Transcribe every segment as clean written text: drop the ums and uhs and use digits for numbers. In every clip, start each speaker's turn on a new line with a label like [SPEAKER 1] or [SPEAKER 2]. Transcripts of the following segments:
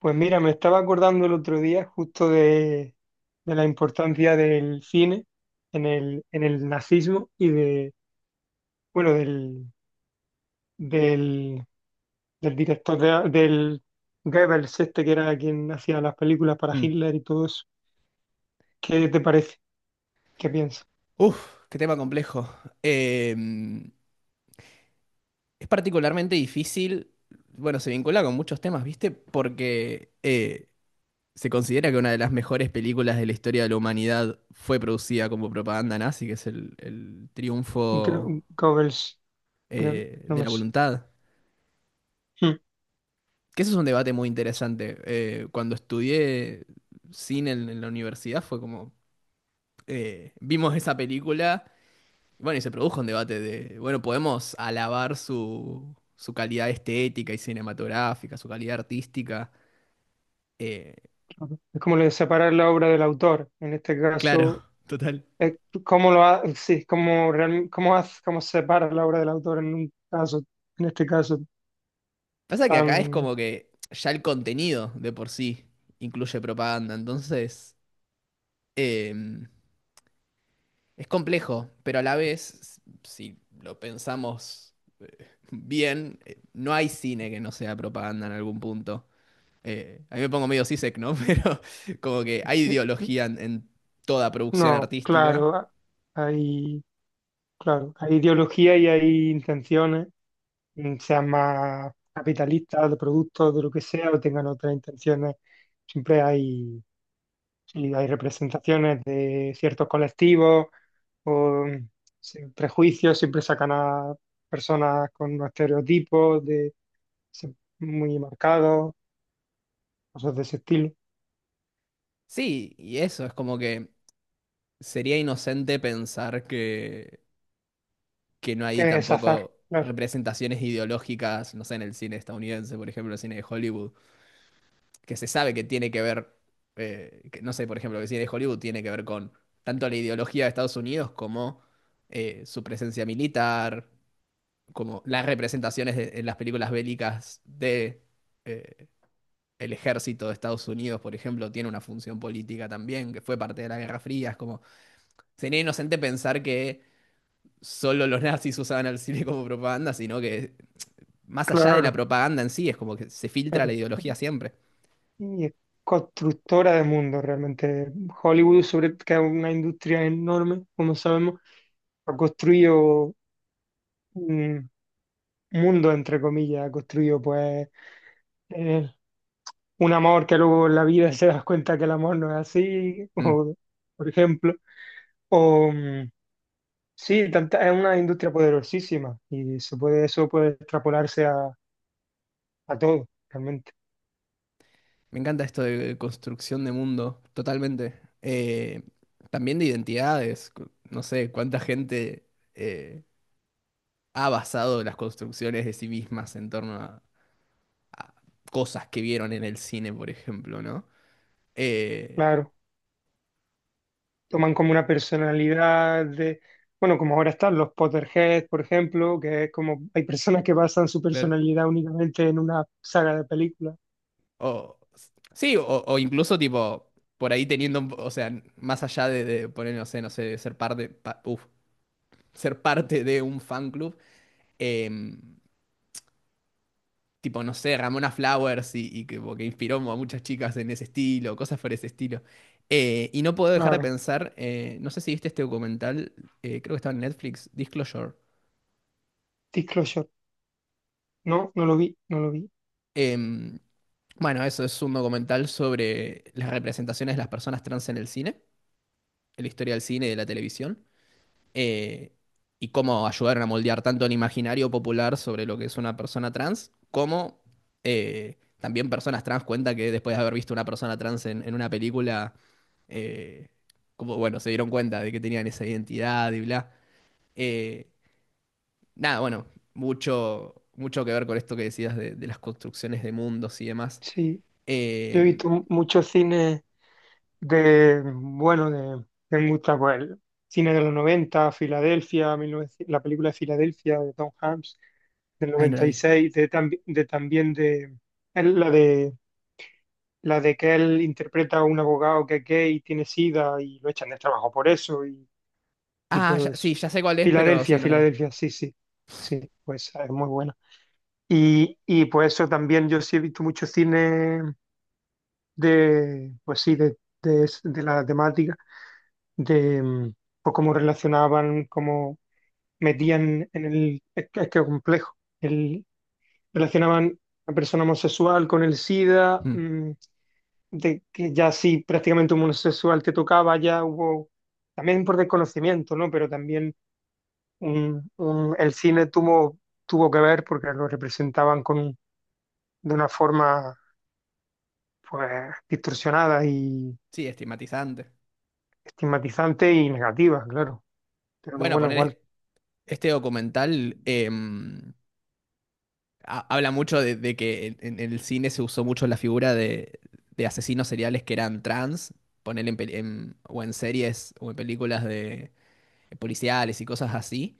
[SPEAKER 1] Pues mira, me estaba acordando el otro día justo de la importancia del cine en el nazismo y de, bueno, del, del director del Goebbels, este que era quien hacía las películas para
[SPEAKER 2] Mm.
[SPEAKER 1] Hitler y todo eso. ¿Qué te parece? ¿Qué piensas?
[SPEAKER 2] Uf, qué tema complejo. Em, es particularmente difícil, bueno, se vincula con muchos temas, ¿viste? Porque se considera que una de las mejores películas de la historia de la humanidad fue producida como propaganda nazi, que es el triunfo
[SPEAKER 1] Goebbels, no, no
[SPEAKER 2] de
[SPEAKER 1] me
[SPEAKER 2] la
[SPEAKER 1] sé.
[SPEAKER 2] voluntad.
[SPEAKER 1] Hmm.
[SPEAKER 2] Que eso es un debate muy interesante. Cuando estudié cine en la universidad fue como, vimos esa película. Bueno, y se produjo un debate de, bueno, podemos alabar su calidad estética y cinematográfica, su calidad artística. Eh,
[SPEAKER 1] Es como lo de separar la obra del autor. En este
[SPEAKER 2] claro,
[SPEAKER 1] caso,
[SPEAKER 2] total.
[SPEAKER 1] eh, ¿cómo sí, cómo, cómo separa la obra del autor en un caso, en este caso
[SPEAKER 2] Pasa que acá es
[SPEAKER 1] tan,
[SPEAKER 2] como que ya el contenido de por sí incluye propaganda, entonces eh, es complejo, pero a la vez, si lo pensamos bien, no hay cine que no sea propaganda en algún punto. A mí me pongo medio sisek, ¿no? Pero como que hay
[SPEAKER 1] eh,
[SPEAKER 2] ideología en toda producción
[SPEAKER 1] no,
[SPEAKER 2] artística.
[SPEAKER 1] hay, claro, hay ideología y hay intenciones, sean más capitalistas, de productos, de lo que sea, o tengan otras intenciones, siempre hay. Si hay representaciones de ciertos colectivos o sin prejuicios, siempre sacan a personas con unos estereotipos de, se- muy marcados, cosas de ese estilo,
[SPEAKER 2] Sí, y eso es como que sería inocente pensar que no hay
[SPEAKER 1] que es azar,
[SPEAKER 2] tampoco
[SPEAKER 1] claro,
[SPEAKER 2] representaciones ideológicas, no sé, en el cine estadounidense, por ejemplo, el cine de Hollywood, que se sabe que tiene que ver, que, no sé, por ejemplo, que el cine de Hollywood tiene que ver con tanto la ideología de Estados Unidos como su presencia militar, como las representaciones de- en las películas bélicas de eh, el ejército de Estados Unidos, por ejemplo, tiene una función política también, que fue parte de la Guerra Fría, es como sería inocente pensar que solo los nazis usaban al cine como propaganda, sino que más allá de la
[SPEAKER 1] claro.
[SPEAKER 2] propaganda en sí, es como que se filtra la ideología siempre.
[SPEAKER 1] Y es constructora de mundo realmente. Hollywood, sobre, que es una industria enorme, como sabemos, ha construido mundo, entre comillas, ha construido pues eh, un amor que luego en la vida se das cuenta que el amor no es así,
[SPEAKER 2] Mm.
[SPEAKER 1] o, por ejemplo. O, sí, es una industria poderosísima y se puede, eso puede extrapolarse a todo, realmente.
[SPEAKER 2] Me encanta esto de construcción de mundo, totalmente. También de identidades, cu- no sé cuánta gente eh, ha basado las construcciones de sí mismas en torno a cosas que vieron en el cine, por ejemplo, ¿no? Eh,
[SPEAKER 1] Claro, toman como una personalidad de, bueno, como ahora están los Potterheads, por ejemplo, que es como hay personas que basan su
[SPEAKER 2] claro.
[SPEAKER 1] personalidad únicamente en una saga de películas.
[SPEAKER 2] O, sí, o incluso tipo, por ahí teniendo, un po- o sea, más allá de poner, no sé, no sé, ser parte, pa- uf, ser parte de un fan club, em, tipo, no sé, Ramona Flowers y que, como que inspiró a muchas chicas en ese estilo, cosas por ese estilo. Y no puedo dejar de
[SPEAKER 1] Claro,
[SPEAKER 2] pensar, no sé si viste este documental, creo que estaba en Netflix, Disclosure.
[SPEAKER 1] Disclosure. No, no lo vi, no lo vi.
[SPEAKER 2] Em, bueno, eso es un documental sobre las representaciones de las personas trans en el cine, en la historia del cine y de la televisión. eh, y cómo ayudaron a moldear tanto el imaginario popular sobre lo que es una persona trans, como también personas trans cuenta que después de haber visto una persona trans en una película, eh, como, bueno, se dieron cuenta de que tenían esa identidad y bla. Eh, nada, bueno, mucho, mucho que ver con esto que decías de las construcciones de mundos y demás.
[SPEAKER 1] Sí, yo he
[SPEAKER 2] Eh,
[SPEAKER 1] visto muchos cines de, bueno, de mucha, pues, el cine de los 90 Filadelfia, 1900 la película de Filadelfia de Tom Hanks, del
[SPEAKER 2] ay, no la
[SPEAKER 1] noventa y
[SPEAKER 2] vi.
[SPEAKER 1] seis de, de también de, es la de que él interpreta a un abogado que es gay, tiene sida y lo echan del trabajo por eso y
[SPEAKER 2] Ah, ya-
[SPEAKER 1] todo eso.
[SPEAKER 2] sí, ya sé cuál es, pero
[SPEAKER 1] Filadelfia,
[SPEAKER 2] sí, no la vi.
[SPEAKER 1] Filadelfia, sí, sí, sí, pues es muy buena. Y pues eso también yo sí he visto mucho cine de, pues sí, de, de la temática, de pues cómo relacionaban, cómo metían en el, es complejo, el, relacionaban a persona homosexual con el SIDA,
[SPEAKER 2] Mm.
[SPEAKER 1] mm, de que ya sí, prácticamente un homosexual te tocaba, ya hubo, también por desconocimiento, ¿no? Pero también el cine tuvo, tuvo que ver porque lo representaban con, de una forma, pues, distorsionada y
[SPEAKER 2] Sí, estigmatizante.
[SPEAKER 1] estigmatizante y negativa, claro. Pero que
[SPEAKER 2] Bueno,
[SPEAKER 1] bueno, igual.
[SPEAKER 2] poner... Este documental ha- habla mucho de que en el cine se usó mucho la figura de asesinos seriales que eran trans, poner en, peli- en- o en series o en películas de policiales y cosas así,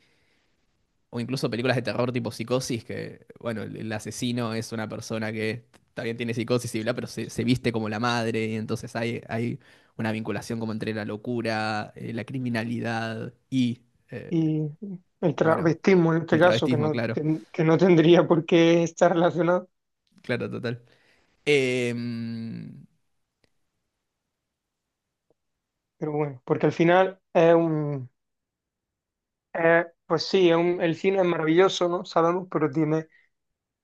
[SPEAKER 2] o incluso películas de terror tipo Psicosis, que, bueno, el asesino es una persona que también tiene psicosis y bla, pero se viste como la madre, y entonces hay una vinculación como entre la locura, la criminalidad y, eh,
[SPEAKER 1] Y el
[SPEAKER 2] bueno,
[SPEAKER 1] travestismo en este
[SPEAKER 2] el
[SPEAKER 1] caso, que
[SPEAKER 2] travestismo,
[SPEAKER 1] no,
[SPEAKER 2] claro,
[SPEAKER 1] que no tendría por qué estar relacionado,
[SPEAKER 2] claro, total. Mm,
[SPEAKER 1] pero bueno, porque al final es un, pues sí, el cine es maravilloso, ¿no? Sabemos, pero tiene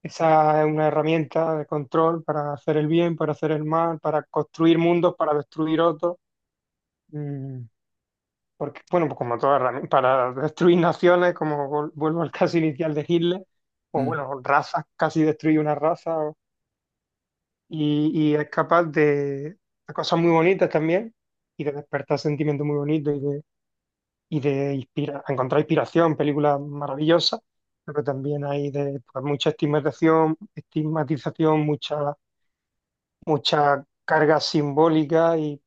[SPEAKER 1] esa, es una herramienta de control para hacer el bien, para hacer el mal, para construir mundos, para destruir otros. Mm, porque, bueno, pues como toda herramienta, para destruir naciones, como vuelvo al caso inicial de Hitler, o bueno, razas, casi destruye una raza, y es capaz de cosas muy bonitas también y de despertar sentimientos muy bonitos y de encontrar inspiración, películas maravillosas, pero también hay de, pues, mucha estigmatización, mucha, mucha carga simbólica y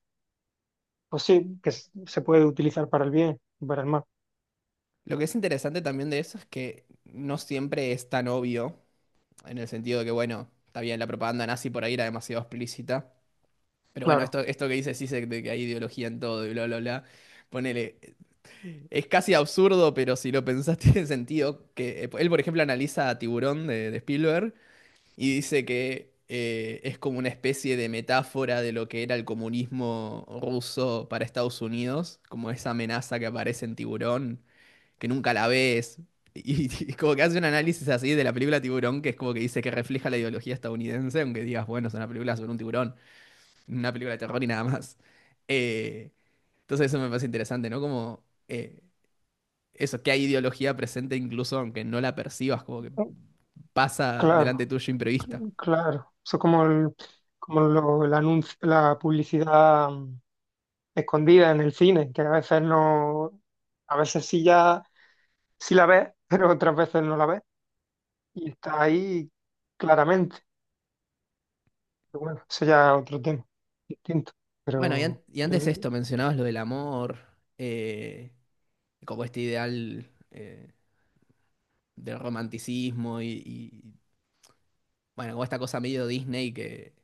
[SPEAKER 1] pues sí, que se puede utilizar para el bien y para el mal,
[SPEAKER 2] lo que es interesante también de eso es que no siempre es tan obvio, en el sentido de que, bueno, está bien, la propaganda nazi por ahí era demasiado explícita, pero bueno,
[SPEAKER 1] claro,
[SPEAKER 2] esto que dice Sisek de que hay ideología en todo y bla, bla, bla, ponele, es casi absurdo, pero si lo pensás tiene sentido, que él, por ejemplo, analiza a Tiburón de Spielberg y dice que es como una especie de metáfora de lo que era el comunismo ruso para Estados Unidos, como esa amenaza que aparece en Tiburón que nunca la ves. Y como que hace un análisis así de la película Tiburón, que es como que dice que refleja la ideología estadounidense, aunque digas, bueno, es una película sobre un tiburón, una película de terror y nada más. Eh, entonces eso me parece interesante, ¿no? Como eso, que hay ideología presente incluso aunque no la percibas, como que pasa
[SPEAKER 1] claro,
[SPEAKER 2] delante tuyo imprevista.
[SPEAKER 1] claro. Eso es como el, como el anuncio, la publicidad escondida en el cine, que a veces no, a veces sí ya, sí la ves, pero otras veces no la ves. Y está ahí claramente. Pero bueno, eso ya es otro tema, distinto.
[SPEAKER 2] Bueno, y,
[SPEAKER 1] Pero
[SPEAKER 2] an- y antes esto, mencionabas lo del amor, eh, como este ideal del romanticismo y, bueno, como esta cosa medio Disney que,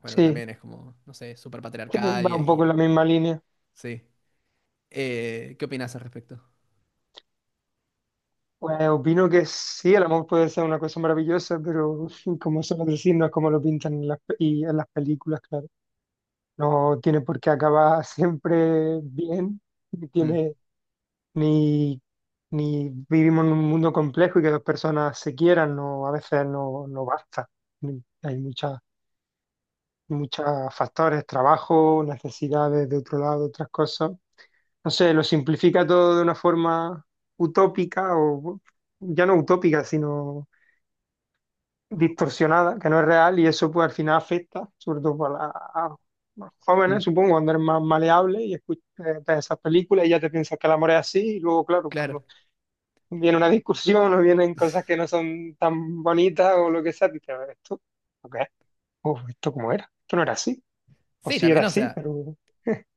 [SPEAKER 2] bueno, que
[SPEAKER 1] sí,
[SPEAKER 2] también es como, no sé, súper
[SPEAKER 1] sí,
[SPEAKER 2] patriarcal
[SPEAKER 1] va un poco en
[SPEAKER 2] y-
[SPEAKER 1] la misma línea.
[SPEAKER 2] sí. ¿Qué opinas al respecto?
[SPEAKER 1] Pues opino que sí, el amor puede ser una cosa maravillosa, pero como suelo decir, no es como lo pintan en las, y en las películas, claro. No tiene por qué acabar siempre bien, ni
[SPEAKER 2] Mm,
[SPEAKER 1] tiene ni, ni vivimos en un mundo complejo y que dos personas se quieran, no, a veces no, no basta. Hay muchas, muchos factores, trabajo, necesidades de otro lado, otras cosas. No sé, lo simplifica todo de una forma utópica o ya no utópica, sino distorsionada, que no es real y eso pues al final afecta, sobre todo para a
[SPEAKER 2] mm,
[SPEAKER 1] jóvenes, supongo, cuando eres más maleable y escuchas, ves esas películas y ya te piensas que el amor es así y luego, claro,
[SPEAKER 2] claro.
[SPEAKER 1] cuando viene una discusión o vienen cosas que no son tan bonitas o lo que sea, dices, esto, ¿ok? Uf, ¿esto cómo era? Esto no era así. O
[SPEAKER 2] Sí,
[SPEAKER 1] sí era
[SPEAKER 2] también, o
[SPEAKER 1] así,
[SPEAKER 2] sea,
[SPEAKER 1] pero...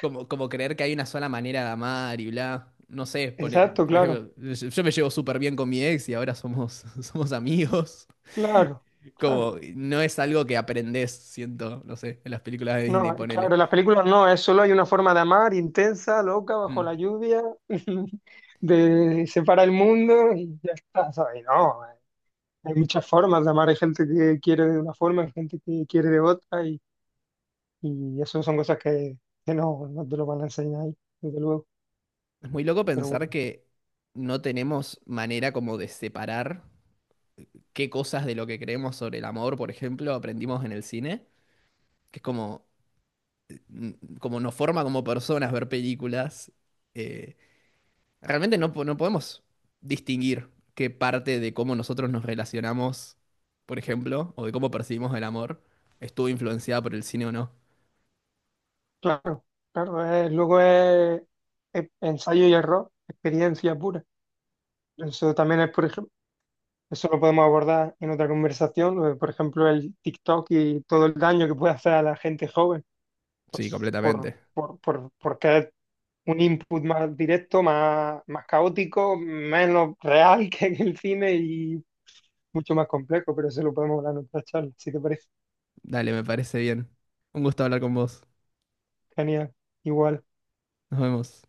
[SPEAKER 2] como, como creer que hay una sola manera de amar y bla. No sé, por, e-
[SPEAKER 1] Exacto,
[SPEAKER 2] por
[SPEAKER 1] claro,
[SPEAKER 2] ejemplo, yo me llevo súper bien con mi ex y ahora somos, somos amigos.
[SPEAKER 1] claro, claro.
[SPEAKER 2] Como, no es algo que aprendes, siento, no sé, en las películas de Disney,
[SPEAKER 1] No,
[SPEAKER 2] ponele.
[SPEAKER 1] claro, en las películas no, es, solo hay una forma de amar, intensa, loca,
[SPEAKER 2] Mm.
[SPEAKER 1] bajo la lluvia, de separa el mundo y ya está, ¿sabes? No, hay muchas formas de amar, hay gente que quiere de una forma, hay gente que quiere de otra y eso son cosas que no, no te lo van a enseñar ahí, desde luego.
[SPEAKER 2] Es muy loco
[SPEAKER 1] Pero
[SPEAKER 2] pensar
[SPEAKER 1] bueno.
[SPEAKER 2] que no tenemos manera como de separar. Qué cosas de lo que creemos sobre el amor, por ejemplo, aprendimos en el cine, que es como, mm, como nos forma como personas ver películas. eh, realmente no, po- no podemos distinguir qué parte de cómo nosotros nos relacionamos, por ejemplo, o de cómo percibimos el amor, estuvo influenciada por el cine o no.
[SPEAKER 1] Claro, claro, luego es ensayo y error, experiencia pura. Eso también es, por ejemplo, eso lo podemos abordar en otra conversación, lo de, por ejemplo, el TikTok y todo el daño que puede hacer a la gente joven,
[SPEAKER 2] Sí,
[SPEAKER 1] pues
[SPEAKER 2] completamente.
[SPEAKER 1] por, porque es un input más directo, más, más caótico, menos real que en el cine y mucho más complejo, pero eso lo podemos hablar en otra charla, si te parece.
[SPEAKER 2] Dale, me parece bien. Un gusto hablar con vos.
[SPEAKER 1] Genial, igual.
[SPEAKER 2] Nos vemos.